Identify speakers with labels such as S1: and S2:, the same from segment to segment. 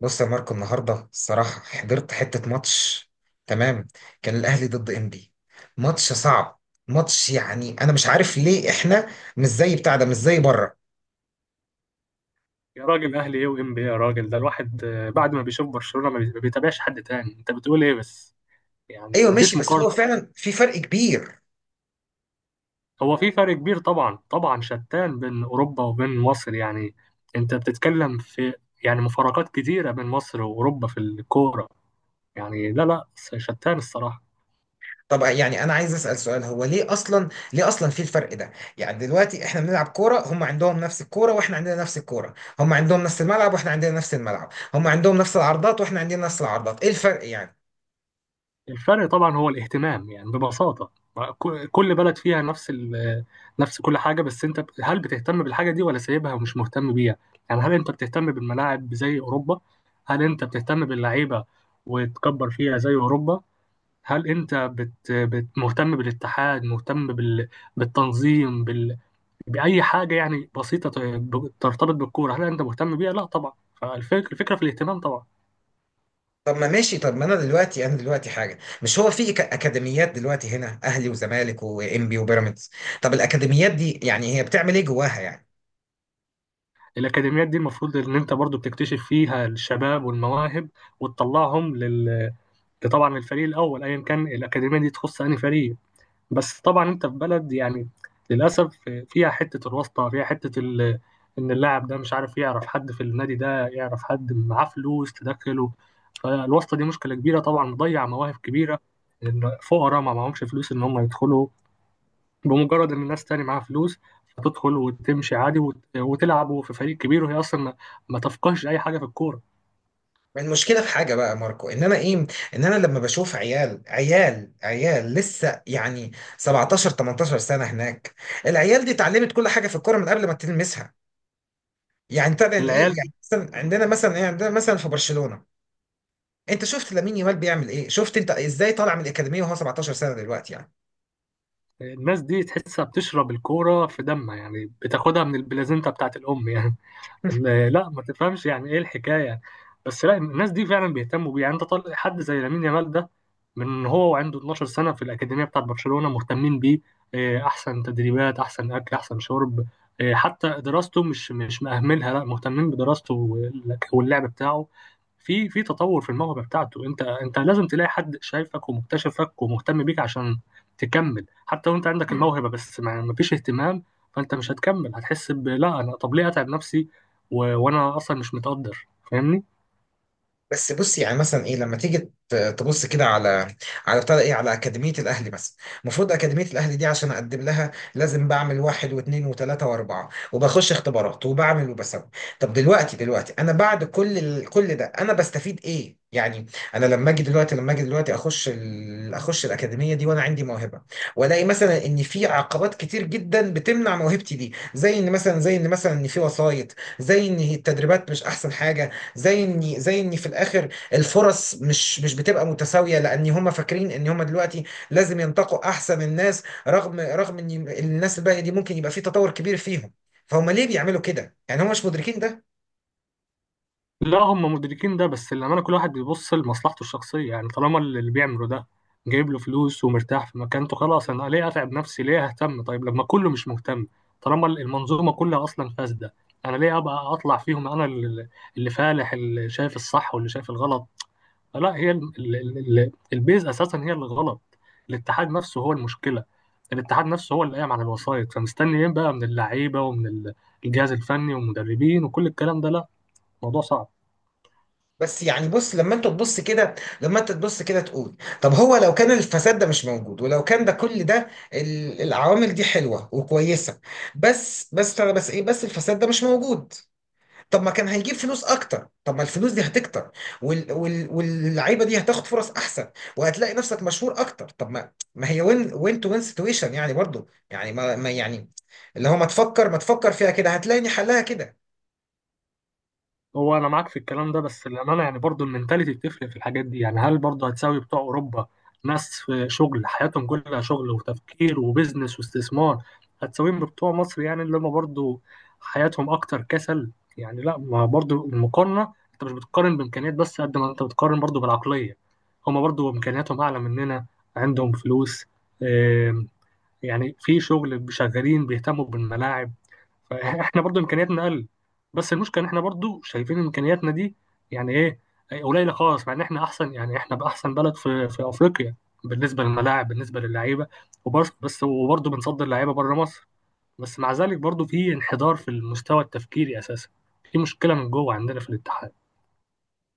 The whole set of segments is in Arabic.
S1: بص يا ماركو، النهارده الصراحه حضرت حته ماتش. تمام، كان الاهلي ضد انبي. ماتش صعب. ماتش، يعني انا مش عارف ليه احنا مش زي بتاع ده، مش زي بره.
S2: يا راجل اهلي ايه وام بي إيه يا راجل ده الواحد آه، بعد ما بيشوف برشلونة ما بيتابعش حد تاني. انت بتقول ايه بس؟ يعني
S1: ايوه
S2: مفيش
S1: ماشي، بس
S2: مقارنة.
S1: هو فعلا في فرق كبير.
S2: هو في فرق كبير طبعا طبعا، شتان بين اوروبا وبين مصر. يعني انت بتتكلم في يعني مفارقات كتيرة بين مصر واوروبا في الكورة. يعني لا لا، شتان الصراحة.
S1: طب يعني انا عايز اسال سؤال، هو ليه اصلا في الفرق ده؟ يعني دلوقتي احنا بنلعب كوره، هم عندهم نفس الكوره واحنا عندنا نفس الكوره، هم عندهم نفس الملعب واحنا عندنا نفس الملعب، هم عندهم نفس العرضات واحنا عندنا نفس العرضات. ايه الفرق يعني؟
S2: الفرق طبعا هو الاهتمام، يعني ببساطة، كل بلد فيها نفس كل حاجة، بس انت هل بتهتم بالحاجة دي ولا سايبها ومش مهتم بيها؟ يعني هل انت بتهتم بالملاعب زي أوروبا؟ هل انت بتهتم باللعيبة وتكبر فيها زي أوروبا؟ هل انت بت مهتم بالاتحاد، مهتم بالتنظيم، بأي حاجة يعني بسيطة ترتبط بالكورة؟ هل انت مهتم بيها؟ لا طبعا. فالفكرة الفكرة في الاهتمام طبعا.
S1: طب ما ماشي، طب ما انا دلوقتي، حاجه، مش هو في اكاديميات دلوقتي هنا، اهلي وزمالك وانبي وبيراميدز. طب الاكاديميات دي يعني هي بتعمل ايه جواها يعني؟
S2: الأكاديميات دي المفروض إن أنت برضو بتكتشف فيها الشباب والمواهب وتطلعهم لل... طبعا الفريق الأول، أيا كان الأكاديمية دي تخص أي فريق. بس طبعا أنت في بلد، يعني للأسف، فيها حتة الواسطة، فيها حتة ال... إن اللاعب ده مش عارف، يعرف حد في النادي ده، يعرف حد معاه فلوس تدخله. فالواسطة دي مشكلة كبيرة طبعا، مضيع مواهب كبيرة، إن فقراء ما معهمش فلوس إن هم يدخلوا، بمجرد ان ناس تاني معاها فلوس هتدخل وتمشي عادي، وتلعبوا في فريق كبير وهي اصلا ما تفقهش اي حاجه في الكوره.
S1: المشكله في حاجه بقى يا ماركو، ان انا ايه، ان انا لما بشوف عيال لسه، يعني 17 18 سنه هناك. العيال دي اتعلمت كل حاجه في الكوره من قبل ما تلمسها. يعني طبعا ايه،
S2: العيال،
S1: يعني مثلا عندنا، مثلا ايه، عندنا مثلا في برشلونه. انت شفت لامين يامال بيعمل ايه؟ شفت انت ازاي طالع من الاكاديميه وهو 17 سنه دلوقتي؟ يعني
S2: الناس دي تحسها بتشرب الكوره في دمها، يعني بتاخدها من البلازنتا بتاعت الام. يعني إن- لا ما تفهمش يعني ايه الحكايه، بس لا، الناس دي فعلا بيهتموا بيه. يعني انت طالع حد زي لامين يامال ده، من هو وعنده 12 سنه في الاكاديميه بتاعت برشلونه مهتمين بيه. إيه، احسن تدريبات، احسن اكل، احسن شرب. إيه، حتى دراسته مش مأهملها، لا، مهتمين بدراسته واللعب بتاعه، في في تطور في الموهبه بتاعته. انت انت لازم تلاقي حد شايفك ومكتشفك ومهتم بيك عشان تكمل. حتى لو انت عندك الموهبه، بس ما فيش اهتمام، فانت مش هتكمل، هتحس ب لا انا طب ليه اتعب نفسي و... وانا اصلا مش متقدر. فاهمني؟
S1: بس بص، يعني مثلا ايه لما تيجي تبص كده على بتاع ده ايه، على اكاديميه الاهلي مثلا. المفروض اكاديميه الاهلي دي، عشان اقدم لها لازم بعمل واحد واثنين وثلاثه واربعه، وبخش اختبارات، وبعمل وبسوي. طب دلوقتي، انا بعد كل كل ده انا بستفيد ايه يعني؟ انا لما اجي دلوقتي، اخش الاكاديميه دي وانا عندي موهبه، والاقي مثلا ان في عقبات كتير جدا بتمنع موهبتي دي، زي ان مثلا، ان في وسايط، زي ان التدريبات مش احسن حاجه، زي اني في الاخر الفرص مش بتبقى متساويه، لان هم فاكرين ان هم دلوقتي لازم ينتقوا احسن الناس، رغم ان الناس الباقيه دي ممكن يبقى في تطور كبير فيهم. فهم ليه بيعملوا كده يعني، هم مش مدركين ده؟
S2: لا هم مدركين ده، بس لما انا، كل واحد بيبص لمصلحته الشخصيه، يعني طالما اللي بيعمله ده جايب له فلوس ومرتاح في مكانته، خلاص، انا ليه اتعب نفسي؟ ليه اهتم؟ طيب لما كله مش مهتم، طالما المنظومه كلها اصلا فاسده، انا ليه ابقى اطلع فيهم انا اللي اللي فالح، اللي شايف الصح واللي شايف الغلط؟ لا هي البيز اساسا هي اللي غلط. الاتحاد نفسه هو المشكله، الاتحاد نفسه هو اللي قايم على الوسائط. فمستني ايه بقى من اللعيبه ومن ال- الجهاز الفني والمدربين وكل الكلام ده؟ لا، الموضوع صعب.
S1: بس يعني بص، لما انت تبص كده، تقول طب هو لو كان الفساد ده مش موجود، ولو كان ده، كل ده العوامل دي حلوه وكويسه. بس انا، بس الفساد ده مش موجود. طب ما كان هيجيب فلوس اكتر، طب ما الفلوس دي هتكتر، واللعيبه دي هتاخد فرص احسن، وهتلاقي نفسك مشهور اكتر. طب ما هي وين وين تو وين سيتويشن يعني، برضو يعني، ما... ما يعني اللي هو، ما تفكر فيها كده هتلاقيني حلها كده.
S2: هو انا معاك في الكلام ده، بس للامانه يعني برضو المنتاليتي بتفرق في الحاجات دي. يعني هل برضو هتساوي بتوع اوروبا، ناس في شغل، حياتهم كلها شغل وتفكير وبزنس واستثمار، هتساويهم بتوع مصر يعني، اللي هم برضو حياتهم اكتر كسل؟ يعني لا، ما برضو المقارنه، انت مش بتقارن بامكانيات بس، قد ما انت بتقارن برضو بالعقليه. هم برضو امكانياتهم اعلى مننا، عندهم فلوس، آم، يعني في شغل، شغالين بيهتموا بالملاعب. فاحنا برضو امكانياتنا اقل، بس المشكله ان احنا برضو شايفين امكانياتنا دي يعني ايه، قليله خالص، مع ان احنا احسن، يعني احنا باحسن بلد في في افريقيا، بالنسبه للملاعب، بالنسبه للعيبه، وبس بس، وبرضو بنصدر لعيبه بره مصر، بس مع ذلك برضو في انحدار في المستوى التفكيري اساسا، في مشكله من جوه عندنا في الاتحاد.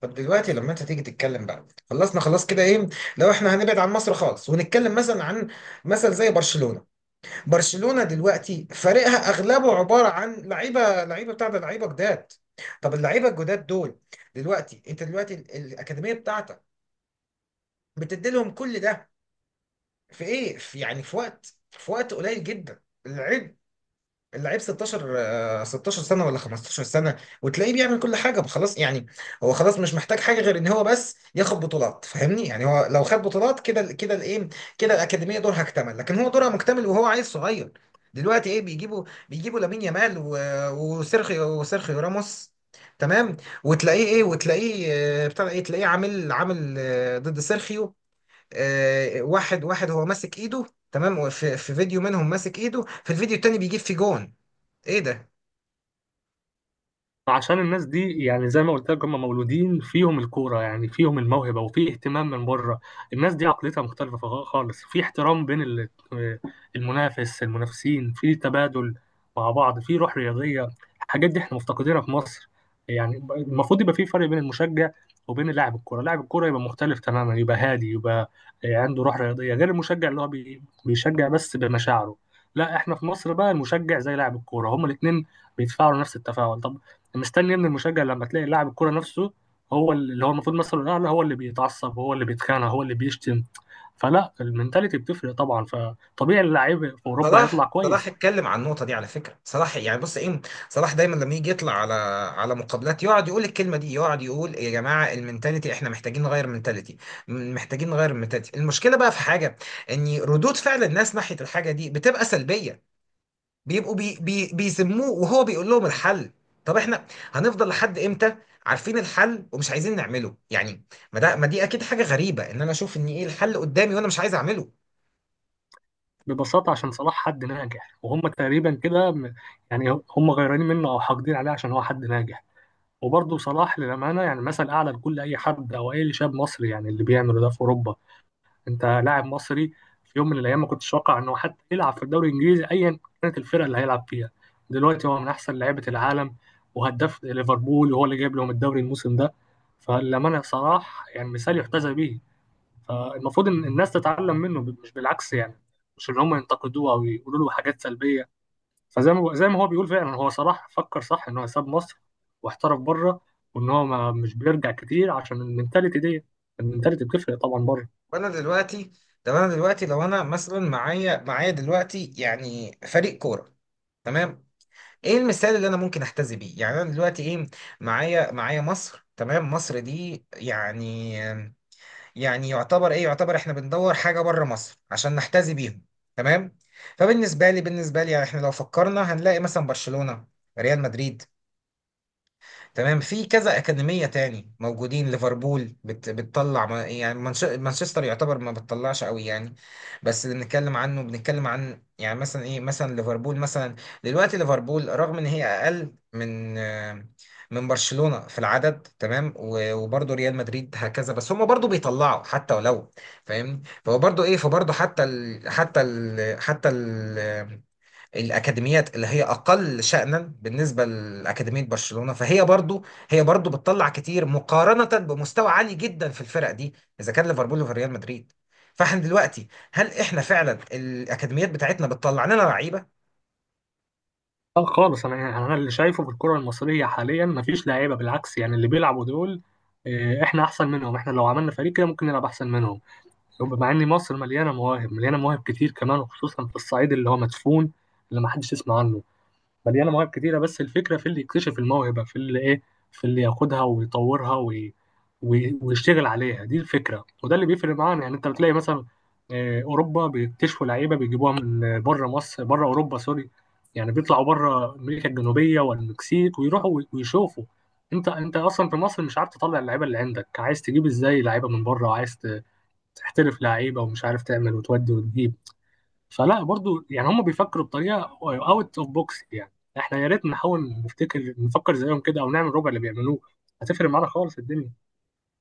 S1: طب دلوقتي لما انت تيجي تتكلم بقى، خلصنا خلاص كده ايه، لو احنا هنبعد عن مصر خالص ونتكلم مثلا عن زي برشلونة. برشلونة دلوقتي فريقها اغلبه عبارة عن لعيبة، لعيبة بتاع ده لعيبة جداد. طب اللعيبة الجداد دول دلوقتي، انت دلوقتي الأكاديمية بتاعتك بتدي لهم كل ده في ايه، في يعني، في وقت قليل جدا. اللعيب 16، 16 سنة، ولا 15 سنة، وتلاقيه بيعمل كل حاجة خلاص يعني. هو خلاص مش محتاج حاجة غير ان هو بس ياخد بطولات. فاهمني يعني، هو لو خد بطولات، كده كده الايه، كده الأكاديمية دورها اكتمل. لكن هو دورها مكتمل وهو عيل صغير. دلوقتي ايه بيجيبوا، لامين يامال وسيرخيو راموس. تمام. وتلاقيه ايه، وتلاقيه بتاع ايه، تلاقيه عامل، ضد سيرخيو، واحد واحد، هو ماسك ايده. تمام، في فيديو منهم ماسك ايده، في الفيديو التاني بيجيب في جون. ايه ده؟
S2: عشان الناس دي، يعني زي ما قلت لك، هم مولودين فيهم الكوره، يعني فيهم الموهبه وفي اهتمام من بره. الناس دي عقليتها مختلفه خالص، في احترام بين ال- المنافس المنافسين، في تبادل مع بعض، في روح رياضيه. الحاجات دي احنا مفتقدينها في مصر. يعني المفروض يبقى في فرق بين المشجع وبين لاعب الكوره. لاعب الكوره يبقى مختلف تماما، يبقى هادي، يبقى عنده روح رياضيه، غير المشجع اللي هو بيشجع بس بمشاعره. لا احنا في مصر بقى، المشجع زي لاعب الكوره، هما الاثنين بيتفاعلوا نفس التفاعل. طب مستني من المشجع لما تلاقي لاعب الكوره نفسه، هو اللي هو المفروض مثلا الاعلى، هو اللي بيتعصب، هو اللي بيتخانق، هو اللي بيشتم. فلا، المنتاليتي بتفرق طبعا، فطبيعي اللعيب في اوروبا
S1: صلاح،
S2: هيطلع كويس.
S1: صلاح اتكلم عن النقطه دي على فكره. صلاح يعني بص ايه، صلاح دايما لما يجي يطلع على مقابلات يقعد يقول الكلمه دي، يقعد يقول يا جماعه المنتاليتي، احنا محتاجين نغير المنتاليتي، محتاجين نغير المنتاليتي. المشكله بقى في حاجه، ان ردود فعل الناس ناحيه الحاجه دي بتبقى سلبيه. بيبقوا بي بي بيذموه، وهو بيقول لهم الحل. طب احنا هنفضل لحد امتى عارفين الحل ومش عايزين نعمله يعني؟ ما ده، ما دي اكيد حاجه غريبه ان انا اشوف ان ايه الحل قدامي وانا مش عايز اعمله.
S2: ببساطه عشان صلاح حد ناجح، وهم تقريبا كده يعني هم غيرانين منه او حاقدين عليه عشان هو حد ناجح. وبرضه صلاح للامانه يعني مثل اعلى لكل اي حد او اي شاب مصري. يعني اللي بيعمله ده في اوروبا، انت لاعب مصري، في يوم من الايام ما كنتش اتوقع انه حتى يلعب في الدوري الانجليزي، ايا كانت الفرقه اللي هيلعب فيها. دلوقتي هو من احسن لعيبه العالم، وهداف ليفربول، وهو اللي جايب لهم الدوري الموسم ده. فالأمانة صلاح يعني مثال يحتذى به. فالمفروض ان الناس تتعلم منه، مش بالعكس، يعني مش ان هم ينتقدوه او يقولوا له حاجات سلبيه. فزي ما زي ما هو بيقول، فعلا هو صلاح فكر صح ان هو ساب مصر واحترف بره، وان هو ما مش بيرجع كتير عشان المنتاليتي دي. المنتاليتي بتفرق طبعا بره.
S1: وانا دلوقتي طب انا دلوقتي، لو انا مثلا معايا، دلوقتي يعني فريق كوره، تمام، ايه المثال اللي انا ممكن احتذي بيه؟ يعني انا دلوقتي ايه، معايا، مصر، تمام. مصر دي يعني، يعني يعتبر ايه، يعتبر احنا بندور حاجه بره مصر عشان نحتذي بيهم. تمام. فبالنسبه لي، بالنسبه لي يعني احنا لو فكرنا هنلاقي مثلا برشلونه، ريال مدريد، تمام، في كذا أكاديمية تاني موجودين. ليفربول بتطلع، يعني مانشستر يعتبر ما بتطلعش قوي يعني. بس اللي بنتكلم عنه، بنتكلم عن يعني مثلا ايه، مثلا ليفربول مثلا. دلوقتي ليفربول رغم ان هي اقل من من برشلونة في العدد، تمام، وبرضه ريال مدريد هكذا، بس هم برضه بيطلعوا، حتى ولو. فاهمني. فهو برضه ايه، فبرضه حتى الاكاديميات اللي هي اقل شأنا بالنسبه لاكاديميه برشلونه، فهي برضو، هي برضو بتطلع كتير مقارنه بمستوى عالي جدا في الفرق دي، اذا كان ليفربول وفي ريال مدريد. فاحنا دلوقتي، هل احنا فعلا الاكاديميات بتاعتنا بتطلع لنا لعيبه؟
S2: اه خالص، انا يعني انا اللي شايفه في الكره المصريه حاليا مفيش لعيبه، بالعكس يعني اللي بيلعبوا دول آه، احنا احسن منهم. احنا لو عملنا فريق كده ممكن نلعب احسن منهم، مع ان مصر مليانه مواهب، مليانه مواهب كتير كمان، وخصوصا في الصعيد اللي هو مدفون، اللي ما حدش يسمع عنه. مليانه مواهب كتيره، بس الفكره في اللي يكتشف الموهبه، في اللي ايه، في اللي ياخدها ويطورها ويشتغل عليها. دي الفكره، وده اللي بيفرق معانا. يعني انت بتلاقي مثلا آه، اوروبا بيكتشفوا لعيبه، بيجيبوها من بره مصر، بره اوروبا سوري، يعني بيطلعوا بره امريكا الجنوبيه والمكسيك ويروحوا ويشوفوا. انت انت اصلا في مصر مش عارف تطلع اللعيبه اللي عندك، عايز تجيب ازاي لعيبه من بره وعايز تحترف لعيبه، ومش عارف تعمل وتودي وتجيب. فلا برضو يعني هم بيفكروا بطريقه اوت اوف بوكس. يعني احنا يا ريت نحاول نفتكر، نفكر زيهم كده، او نعمل ربع اللي بيعملوه، هتفرق معانا خالص الدنيا.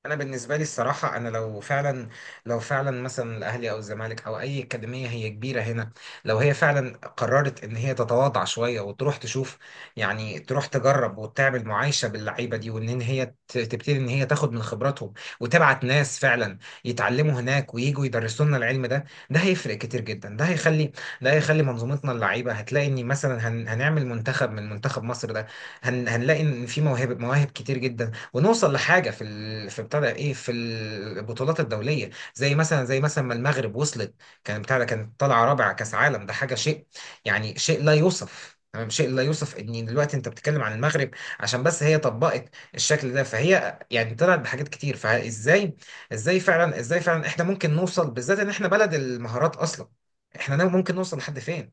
S1: انا بالنسبه لي الصراحه، انا لو فعلا، مثلا الاهلي او الزمالك او اي اكاديميه هي كبيره هنا، لو هي فعلا قررت ان هي تتواضع شويه، وتروح تشوف، يعني تروح تجرب وتعمل معايشه باللعيبه دي، وان هي تبتدي ان هي تاخد من خبراتهم، وتبعت ناس فعلا يتعلموا هناك ويجوا يدرسوا لنا العلم ده، ده هيفرق كتير جدا. ده هيخلي منظومتنا، اللعيبه هتلاقي ان مثلا، هنعمل منتخب، منتخب مصر ده، هنلاقي ان في مواهب، مواهب كتير جدا، ونوصل لحاجه في ال... في بتاع ده ايه في البطولات الدوليه، زي مثلا، ما المغرب وصلت. كان بتاع ده، كانت طالعه رابعه كاس عالم. ده حاجه شيء يعني، شيء لا يوصف، تمام، شيء لا يوصف. ان دلوقتي انت بتتكلم عن المغرب عشان بس هي طبقت الشكل ده، فهي يعني طلعت بحاجات كتير. فازاي، ازاي فعلا احنا ممكن نوصل، بالذات ان احنا بلد المهارات اصلا، احنا ممكن نوصل لحد فين؟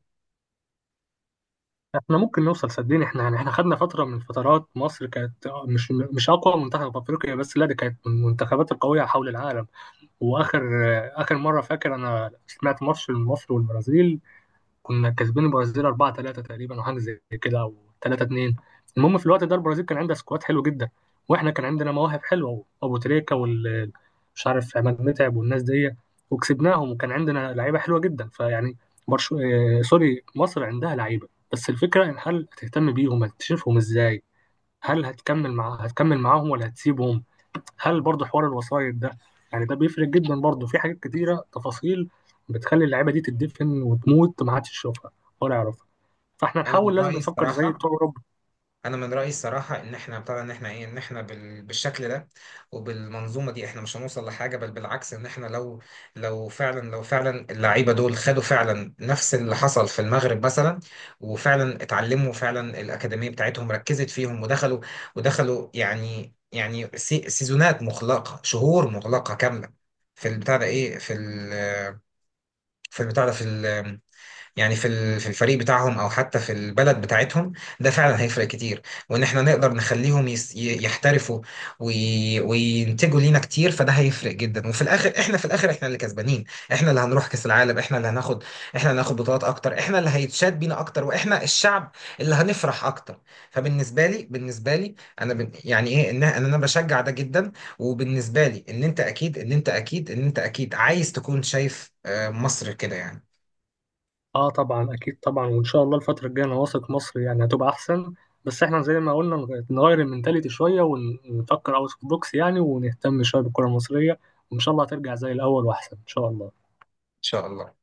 S2: احنا ممكن نوصل، صدقني احنا، يعني احنا خدنا فتره من الفترات، مصر كانت مش اقوى منتخب في افريقيا بس، لا دي كانت من المنتخبات القويه حول العالم. واخر اخر مره فاكر انا سمعت ماتش مصر والبرازيل، كنا كاسبين البرازيل 4-3 تقريبا، او حاجه زي كده، او 3-2. المهم في الوقت ده البرازيل كان عندها سكواد حلو جدا، واحنا كان عندنا مواهب حلوه، ابو تريكه وال مش عارف، عماد متعب والناس دي، وكسبناهم، وكان عندنا لعيبه حلوه جدا. فيعني برشو... آه، سوري، مصر عندها لعيبه، بس الفكره ان هل هتهتم بيهم، هتشوفهم ازاي، هل هتكمل معاه هتكمل معاهم ولا هتسيبهم، هل برضه حوار الوسايط ده؟ يعني ده بيفرق جدا برضه، في حاجات كتيرة تفاصيل بتخلي اللعيبة دي تدفن وتموت ما حدش يشوفها ولا يعرفها. فاحنا
S1: انا من
S2: نحاول، لازم
S1: رايي
S2: نفكر زي
S1: الصراحه،
S2: بتوع اوروبا.
S1: ان احنا ابتدى، ان احنا بالشكل ده وبالمنظومه دي احنا مش هنوصل لحاجه، بل بالعكس. ان احنا لو، لو فعلا اللعيبه دول خدوا فعلا نفس اللي حصل في المغرب مثلا، وفعلا اتعلموا فعلا، الاكاديميه بتاعتهم ركزت فيهم، ودخلوا، يعني، سيزونات مغلقه، شهور مغلقه كامله في البتاع ده، ايه، في ال... في البتاع ده في ال... يعني في في الفريق بتاعهم، او حتى في البلد بتاعتهم. ده فعلا هيفرق كتير. وان احنا نقدر نخليهم يحترفوا وينتجوا لينا كتير، فده هيفرق جدا. وفي الاخر، احنا في الاخر احنا اللي كسبانين، احنا اللي هنروح كاس العالم، احنا اللي هناخد، بطولات اكتر، احنا اللي هيتشاد بينا اكتر، واحنا الشعب اللي هنفرح اكتر. فبالنسبه لي، بالنسبه لي انا يعني ايه، ان انا، بشجع ده جدا. وبالنسبه لي، ان انت اكيد، عايز تكون شايف مصر كده، يعني ان
S2: اه طبعا اكيد طبعا، وان شاء الله الفترة الجاية انا واثق مصر يعني هتبقى احسن، بس احنا زي ما قلنا نغير المنتاليتي شوية، ونفكر اوت اوف بوكس يعني، ونهتم شوية بالكرة المصرية، وان شاء الله هترجع زي الاول واحسن ان شاء الله.
S1: شاء الله.